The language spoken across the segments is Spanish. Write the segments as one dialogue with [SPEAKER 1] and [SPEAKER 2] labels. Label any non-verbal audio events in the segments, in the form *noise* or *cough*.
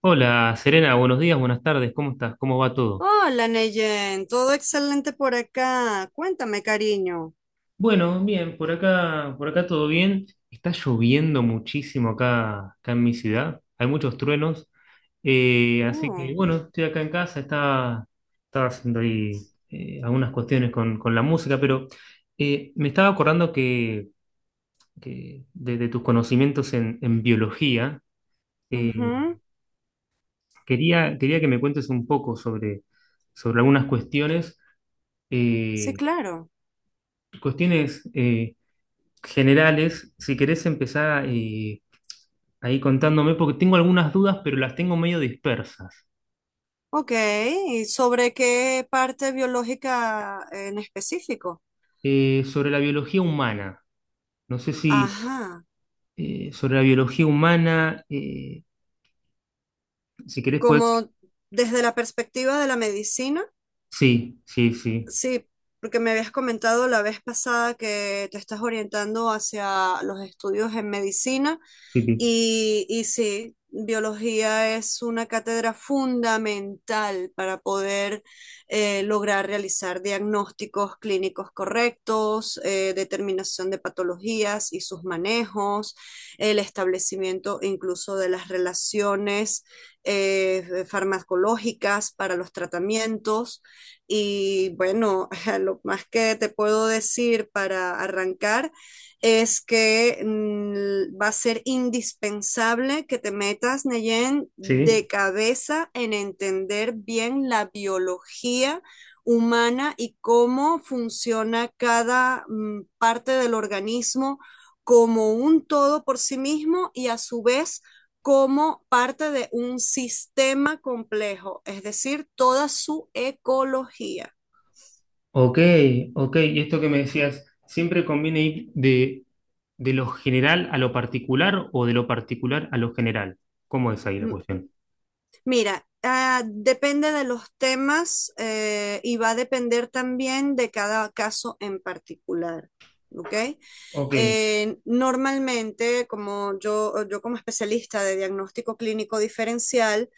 [SPEAKER 1] Hola Serena, buenos días, buenas tardes, ¿cómo estás? ¿Cómo va todo?
[SPEAKER 2] Hola, Neyen, todo excelente por acá. Cuéntame, cariño.
[SPEAKER 1] Bueno, bien, por acá todo bien. Está lloviendo muchísimo acá, acá en mi ciudad, hay muchos truenos, así que
[SPEAKER 2] Oh,
[SPEAKER 1] bueno, estoy acá en casa, estaba haciendo ahí algunas cuestiones con la música, pero me estaba acordando que de tus conocimientos en biología, eh,
[SPEAKER 2] ujú,
[SPEAKER 1] quería que me cuentes un poco sobre algunas cuestiones. eh,
[SPEAKER 2] sí, claro.
[SPEAKER 1] cuestiones eh, Generales, si querés empezar, ahí contándome, porque tengo algunas dudas, pero las tengo medio dispersas.
[SPEAKER 2] Ok, ¿y sobre qué parte biológica en específico?
[SPEAKER 1] Sobre la biología humana. No sé si
[SPEAKER 2] Ajá,
[SPEAKER 1] sobre la biología humana. Si querés podés...
[SPEAKER 2] como desde la perspectiva de la medicina.
[SPEAKER 1] Sí, sí, sí,
[SPEAKER 2] Sí, porque me habías comentado la vez pasada que te estás orientando hacia los estudios en medicina
[SPEAKER 1] sí, sí.
[SPEAKER 2] y sí, biología es una cátedra fundamental para poder lograr realizar diagnósticos clínicos correctos, determinación de patologías y sus manejos, el establecimiento incluso de las relaciones farmacológicas para los tratamientos. Y bueno, *laughs* lo más que te puedo decir para arrancar es que va a ser indispensable que te metas, Neyen, de
[SPEAKER 1] Sí.
[SPEAKER 2] cabeza en entender bien la biología humana y cómo funciona cada parte del organismo como un todo por sí mismo y a su vez como parte de un sistema complejo, es decir, toda su ecología.
[SPEAKER 1] Ok, ok. Y esto que me decías, ¿siempre conviene ir de lo general a lo particular o de lo particular a lo general? ¿Cómo es ahí la cuestión?
[SPEAKER 2] Mira, depende de los temas y va a depender también de cada caso en particular. ¿Ok?
[SPEAKER 1] Ok.
[SPEAKER 2] Normalmente, como yo como especialista de diagnóstico clínico diferencial,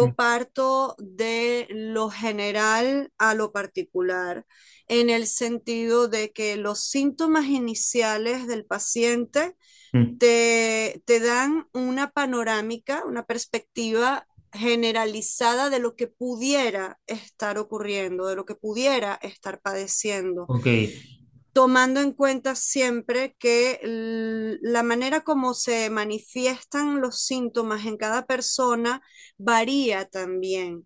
[SPEAKER 1] Mm,
[SPEAKER 2] parto de lo general a lo particular, en el sentido de que los síntomas iniciales del paciente
[SPEAKER 1] mm,
[SPEAKER 2] te dan una panorámica, una perspectiva generalizada de lo que pudiera estar ocurriendo, de lo que pudiera estar padeciendo
[SPEAKER 1] ok.
[SPEAKER 2] tomando en cuenta siempre que la manera como se manifiestan los síntomas en cada persona varía también,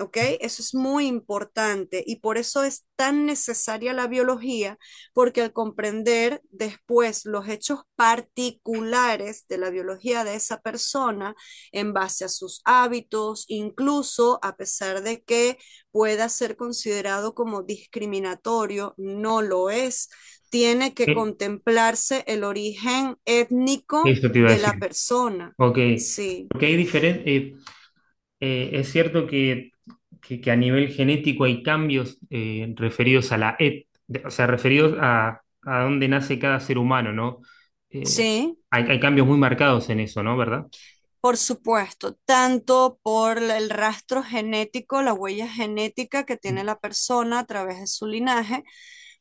[SPEAKER 2] ¿ok? Eso es muy importante y por eso es tan necesaria la biología, porque al comprender después los hechos particulares de la biología de esa persona en base a sus hábitos, incluso a pesar de que pueda ser considerado como discriminatorio, no lo es. Tiene que
[SPEAKER 1] Eh,
[SPEAKER 2] contemplarse el origen étnico
[SPEAKER 1] Eso te iba a
[SPEAKER 2] de
[SPEAKER 1] decir.
[SPEAKER 2] la persona.
[SPEAKER 1] Ok,
[SPEAKER 2] Sí,
[SPEAKER 1] porque hay diferentes, es cierto que a nivel genético hay cambios referidos a la et, de- o sea, referidos a dónde nace cada ser humano, ¿no? Eh,
[SPEAKER 2] sí.
[SPEAKER 1] hay cambios muy marcados en eso, ¿no? ¿Verdad?
[SPEAKER 2] Por supuesto, tanto por la- el rastro genético, la huella genética que tiene
[SPEAKER 1] Mm,
[SPEAKER 2] la persona a través de su linaje,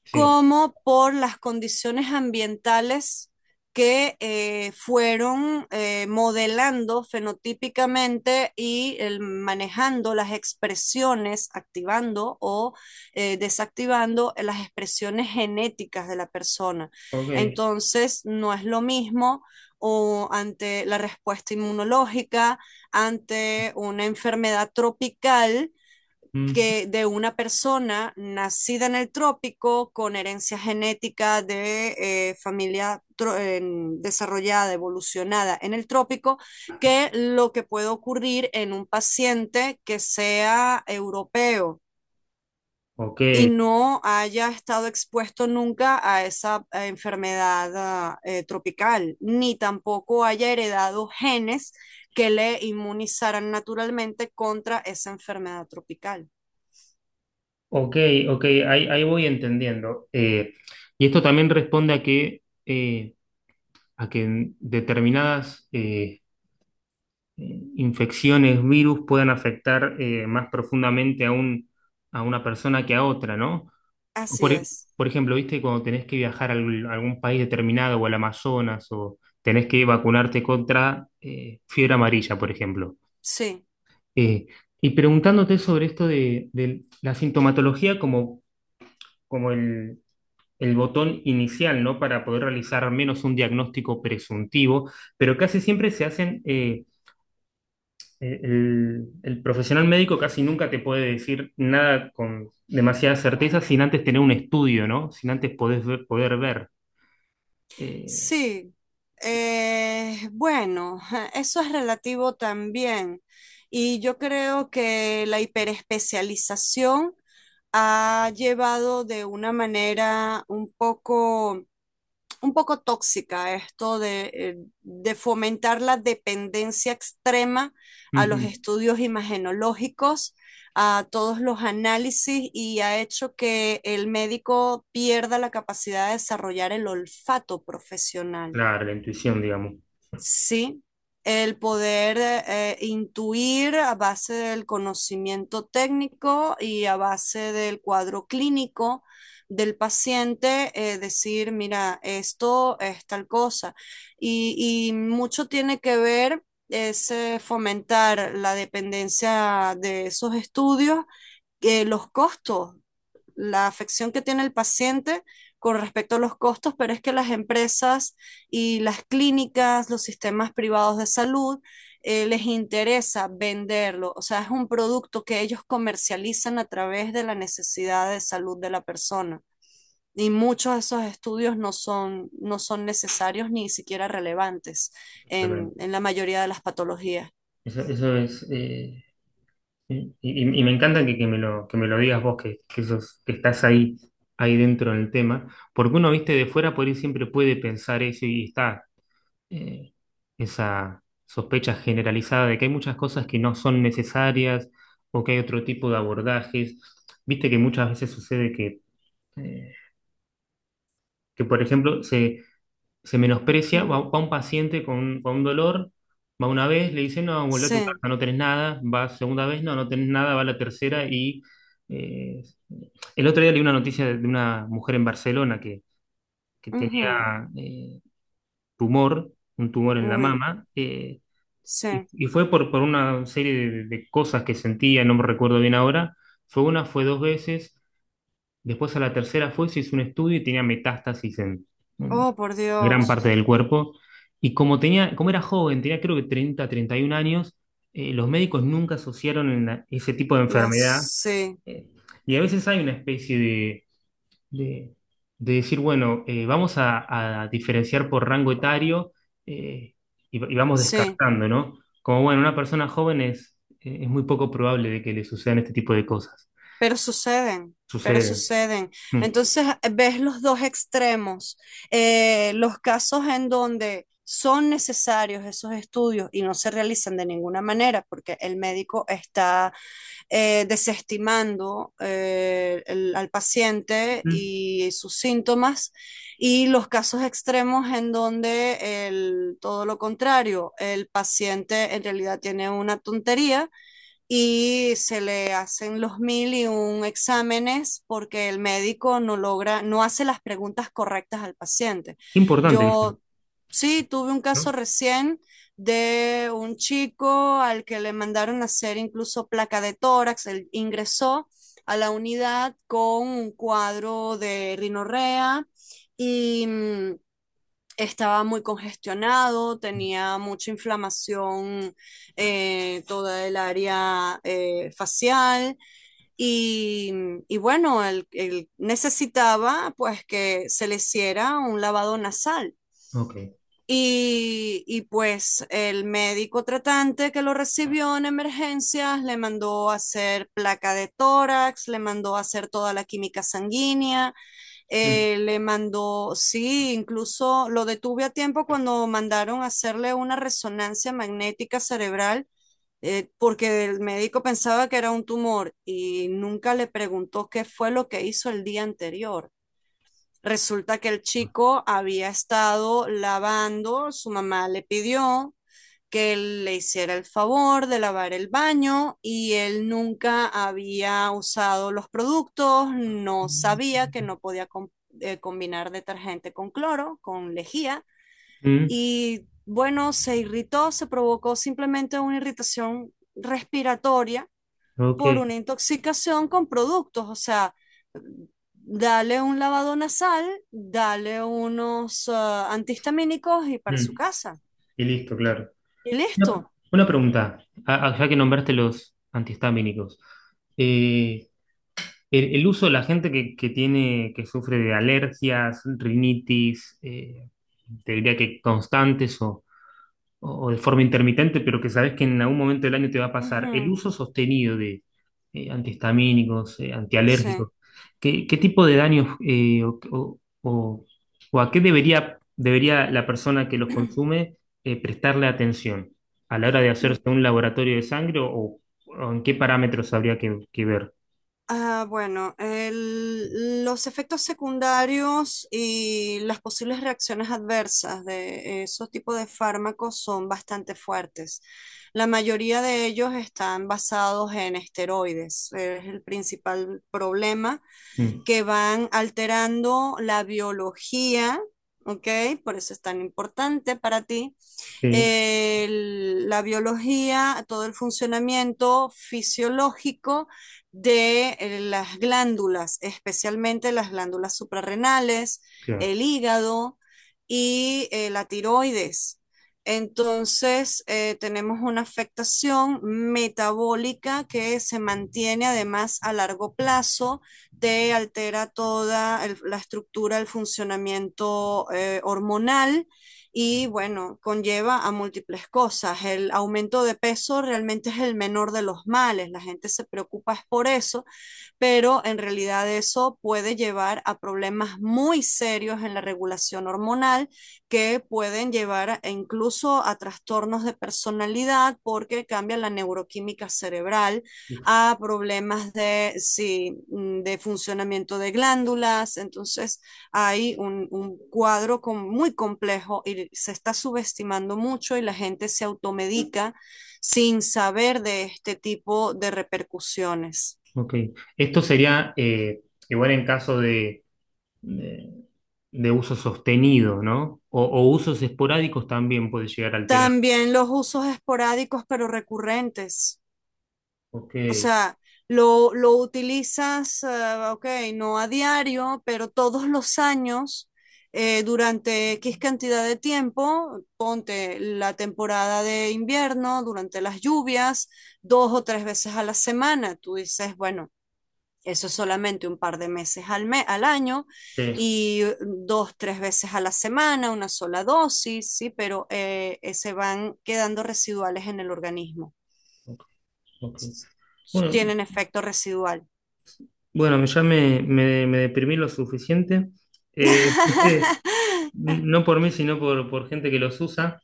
[SPEAKER 1] sí,
[SPEAKER 2] como por las condiciones ambientales que fueron modelando fenotípicamente y el- manejando las expresiones, activando o desactivando las expresiones genéticas de la persona.
[SPEAKER 1] ok,
[SPEAKER 2] Entonces, no es lo mismo o ante la respuesta inmunológica, ante una enfermedad tropical
[SPEAKER 1] mm,
[SPEAKER 2] que de una persona nacida en el trópico con herencia genética de familia eh, desarrollada, evolucionada en el trópico, que lo que puede ocurrir en un paciente que sea europeo
[SPEAKER 1] ok,
[SPEAKER 2] y no haya estado expuesto nunca a esa enfermedad tropical, ni tampoco haya heredado genes que le inmunizaran naturalmente contra esa enfermedad tropical.
[SPEAKER 1] ok, ok, ahí, ahí voy entendiendo. Y esto también responde a a que en determinadas... infecciones, virus puedan afectar más profundamente a una persona que a otra, ¿no? O
[SPEAKER 2] Así
[SPEAKER 1] Por, e-
[SPEAKER 2] es,
[SPEAKER 1] por ejemplo, viste, cuando tenés que viajar a algún país determinado o al Amazonas o tenés que vacunarte contra fiebre amarilla, por ejemplo.
[SPEAKER 2] sí,
[SPEAKER 1] Eh, y preguntándote sobre esto de la sintomatología como el botón inicial, ¿no? Para poder realizar al menos un diagnóstico presuntivo, pero casi siempre se hacen... el profesional médico casi nunca te puede decir nada con demasiada certeza sin antes tener un estudio, ¿no? Sin antes poder ver. Eh,
[SPEAKER 2] sí. Bueno, *laughs* eso es relativo también. Y yo creo que la hiperespecialización ha llevado de una manera un poco tóxica esto de fomentar la dependencia extrema a los
[SPEAKER 1] ujú.
[SPEAKER 2] estudios imagenológicos, a todos los análisis y ha hecho que el médico pierda la capacidad de desarrollar el olfato profesional.
[SPEAKER 1] Claro, la intuición, digamos.
[SPEAKER 2] Sí, el poder intuir a base del conocimiento técnico y a base del cuadro clínico del paciente, decir, mira, esto es tal cosa. Y mucho tiene que ver es fomentar la dependencia de esos estudios, los costos, la afección que tiene el paciente con respecto a los costos, pero es que las empresas y las clínicas, los sistemas privados de salud, les interesa venderlo. O sea, es un producto que ellos comercializan a través de la necesidad de salud de la persona. Y muchos de esos estudios no son necesarios ni siquiera relevantes
[SPEAKER 1] Tremendo.
[SPEAKER 2] en la mayoría de las patologías.
[SPEAKER 1] Eso es. Y me encanta que me que me lo digas vos, que estás ahí, ahí dentro del tema, porque uno, viste, de fuera por ahí siempre puede pensar eso y está, eh, esa sospecha generalizada de que hay muchas cosas que no son necesarias o que hay otro tipo de abordajes. Viste que muchas veces sucede eh, que por ejemplo, se menosprecia,
[SPEAKER 2] Ujú.
[SPEAKER 1] va un paciente con un dolor, va una vez, le dice, no, vuelve a tu casa,
[SPEAKER 2] Sí.
[SPEAKER 1] no tenés nada, va segunda vez, no, no tenés nada, va la tercera y... eh, el otro día leí una noticia de una mujer en Barcelona que
[SPEAKER 2] Ujú.
[SPEAKER 1] tenía tumor, un tumor en la
[SPEAKER 2] Uy,
[SPEAKER 1] mama. Eh,
[SPEAKER 2] sí.
[SPEAKER 1] y fue por una serie de cosas que sentía, no me recuerdo bien ahora. Fue dos veces. Después a la tercera fue, se hizo un estudio y tenía metástasis en
[SPEAKER 2] Oh, por
[SPEAKER 1] gran
[SPEAKER 2] Dios.
[SPEAKER 1] parte del cuerpo. Y como tenía, como era joven, tenía creo que 31 años, los médicos nunca asociaron ese tipo de
[SPEAKER 2] Las,
[SPEAKER 1] enfermedad.
[SPEAKER 2] sí.
[SPEAKER 1] Eh, y a veces hay una especie de, de decir, bueno, vamos a diferenciar por rango etario, eh, y vamos
[SPEAKER 2] Sí,
[SPEAKER 1] descartando, ¿no? Como, bueno, una persona joven es muy poco probable de que le sucedan este tipo de cosas.
[SPEAKER 2] pero suceden, pero
[SPEAKER 1] Sucede.
[SPEAKER 2] suceden.
[SPEAKER 1] Mm.
[SPEAKER 2] Entonces ves los dos extremos, los casos en donde son necesarios esos estudios y no se realizan de ninguna manera porque el médico está desestimando el- al paciente
[SPEAKER 1] Mm.
[SPEAKER 2] y sus síntomas, y los casos extremos en donde el- todo lo contrario, el paciente en realidad tiene una tontería y se le hacen los mil y un exámenes porque el médico no logra, no hace las preguntas correctas al paciente.
[SPEAKER 1] Qué importante eso,
[SPEAKER 2] Yo sí tuve un
[SPEAKER 1] ¿no?
[SPEAKER 2] caso recién de un chico al que le mandaron a hacer incluso placa de tórax. Él ingresó a la unidad con un cuadro de rinorrea y estaba muy congestionado, tenía mucha inflamación, toda el área facial y, y bueno, él necesitaba pues que se le hiciera un lavado nasal.
[SPEAKER 1] Ok.
[SPEAKER 2] Y, pues el médico tratante que lo recibió en emergencias le mandó a hacer placa de tórax, le mandó a hacer toda la química sanguínea,
[SPEAKER 1] Mm.
[SPEAKER 2] le mandó, sí, incluso lo detuve a tiempo cuando mandaron a hacerle una resonancia magnética cerebral, porque el médico pensaba que era un tumor y nunca le preguntó qué fue lo que hizo el día anterior. Resulta que el chico había estado lavando, su mamá le pidió que le hiciera el favor de lavar el baño, y él nunca había usado los productos, no sabía que no podía com- combinar detergente con cloro, con lejía,
[SPEAKER 1] Mm,
[SPEAKER 2] y bueno, se irritó, se provocó simplemente una irritación respiratoria
[SPEAKER 1] ok.
[SPEAKER 2] por una intoxicación con productos. O sea, dale un lavado nasal, dale unos antihistamínicos y para su
[SPEAKER 1] Mm,
[SPEAKER 2] casa.
[SPEAKER 1] y listo, claro.
[SPEAKER 2] Y
[SPEAKER 1] Una,
[SPEAKER 2] listo.
[SPEAKER 1] una pregunta, ya que nombraste los antihistamínicos. eh, el uso de la gente que tiene, que sufre de alergias, rinitis, te diría que o de forma intermitente, pero que sabes que en algún momento del año te va a pasar, el
[SPEAKER 2] Ujú,
[SPEAKER 1] uso sostenido de antihistamínicos,
[SPEAKER 2] sí.
[SPEAKER 1] antialérgicos, qué tipo de daños o a qué debería la persona que los
[SPEAKER 2] *clears throat*
[SPEAKER 1] consume prestarle atención a la hora de
[SPEAKER 2] Mm,
[SPEAKER 1] hacerse un laboratorio de o en qué parámetros habría que ver?
[SPEAKER 2] Bueno, el- los efectos secundarios y las posibles reacciones adversas de esos tipos de fármacos son bastante fuertes. La mayoría de ellos están basados en esteroides. Es el principal problema,
[SPEAKER 1] Mm,
[SPEAKER 2] que van alterando la biología, ¿ok? Por eso es tan importante para ti
[SPEAKER 1] sí,
[SPEAKER 2] eh, la biología, todo el funcionamiento fisiológico de las glándulas, especialmente las glándulas suprarrenales,
[SPEAKER 1] claro.
[SPEAKER 2] el hígado y la tiroides. Entonces, tenemos una afectación metabólica que se mantiene además a largo plazo, te altera toda el- la estructura, el funcionamiento hormonal, y bueno, conlleva a múltiples cosas. El aumento de peso realmente es el menor de los males, la gente se preocupa es por eso, pero en realidad eso puede llevar a problemas muy serios en la regulación hormonal que pueden llevar a, incluso a trastornos de personalidad porque cambia la neuroquímica cerebral, a problemas de, sí, de funcionamiento de glándulas. Entonces hay un cuadro con, muy complejo, y se está subestimando mucho y la gente se automedica sin saber de este tipo de repercusiones.
[SPEAKER 1] Ok. Esto sería igual en caso de, de uso sostenido, ¿no? O usos esporádicos también puede llegar a alterar.
[SPEAKER 2] También los usos esporádicos pero recurrentes.
[SPEAKER 1] Ok,
[SPEAKER 2] O sea, lo utilizas, ah, ok, no a diario, pero todos los años, durante X cantidad de tiempo, ponte la temporada de invierno, durante las lluvias, dos o tres veces a la semana. Tú dices, bueno. Eso es solamente un par de meses al, me- al año
[SPEAKER 1] sí.
[SPEAKER 2] y dos, tres veces a la semana, una sola dosis, ¿sí? Pero se van quedando residuales en el organismo.
[SPEAKER 1] Ok, ok. Bueno,
[SPEAKER 2] Tienen efecto residual.
[SPEAKER 1] bueno, ya me deprimí lo suficiente. Eh, *laughs*
[SPEAKER 2] *laughs*
[SPEAKER 1] no por mí, por gente que los usa.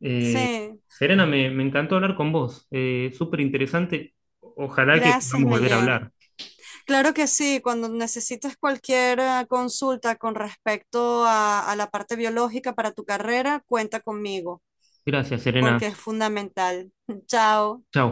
[SPEAKER 1] Eh,
[SPEAKER 2] Sí,
[SPEAKER 1] Serena, me encantó hablar con vos. Súper interesante. Ojalá que
[SPEAKER 2] gracias,
[SPEAKER 1] podamos volver a
[SPEAKER 2] Neyen.
[SPEAKER 1] hablar.
[SPEAKER 2] Claro que sí, cuando necesites cualquier consulta con respecto a la parte biológica para tu carrera, cuenta conmigo,
[SPEAKER 1] Gracias, Serena.
[SPEAKER 2] porque es fundamental. *laughs* Chao.
[SPEAKER 1] Chao.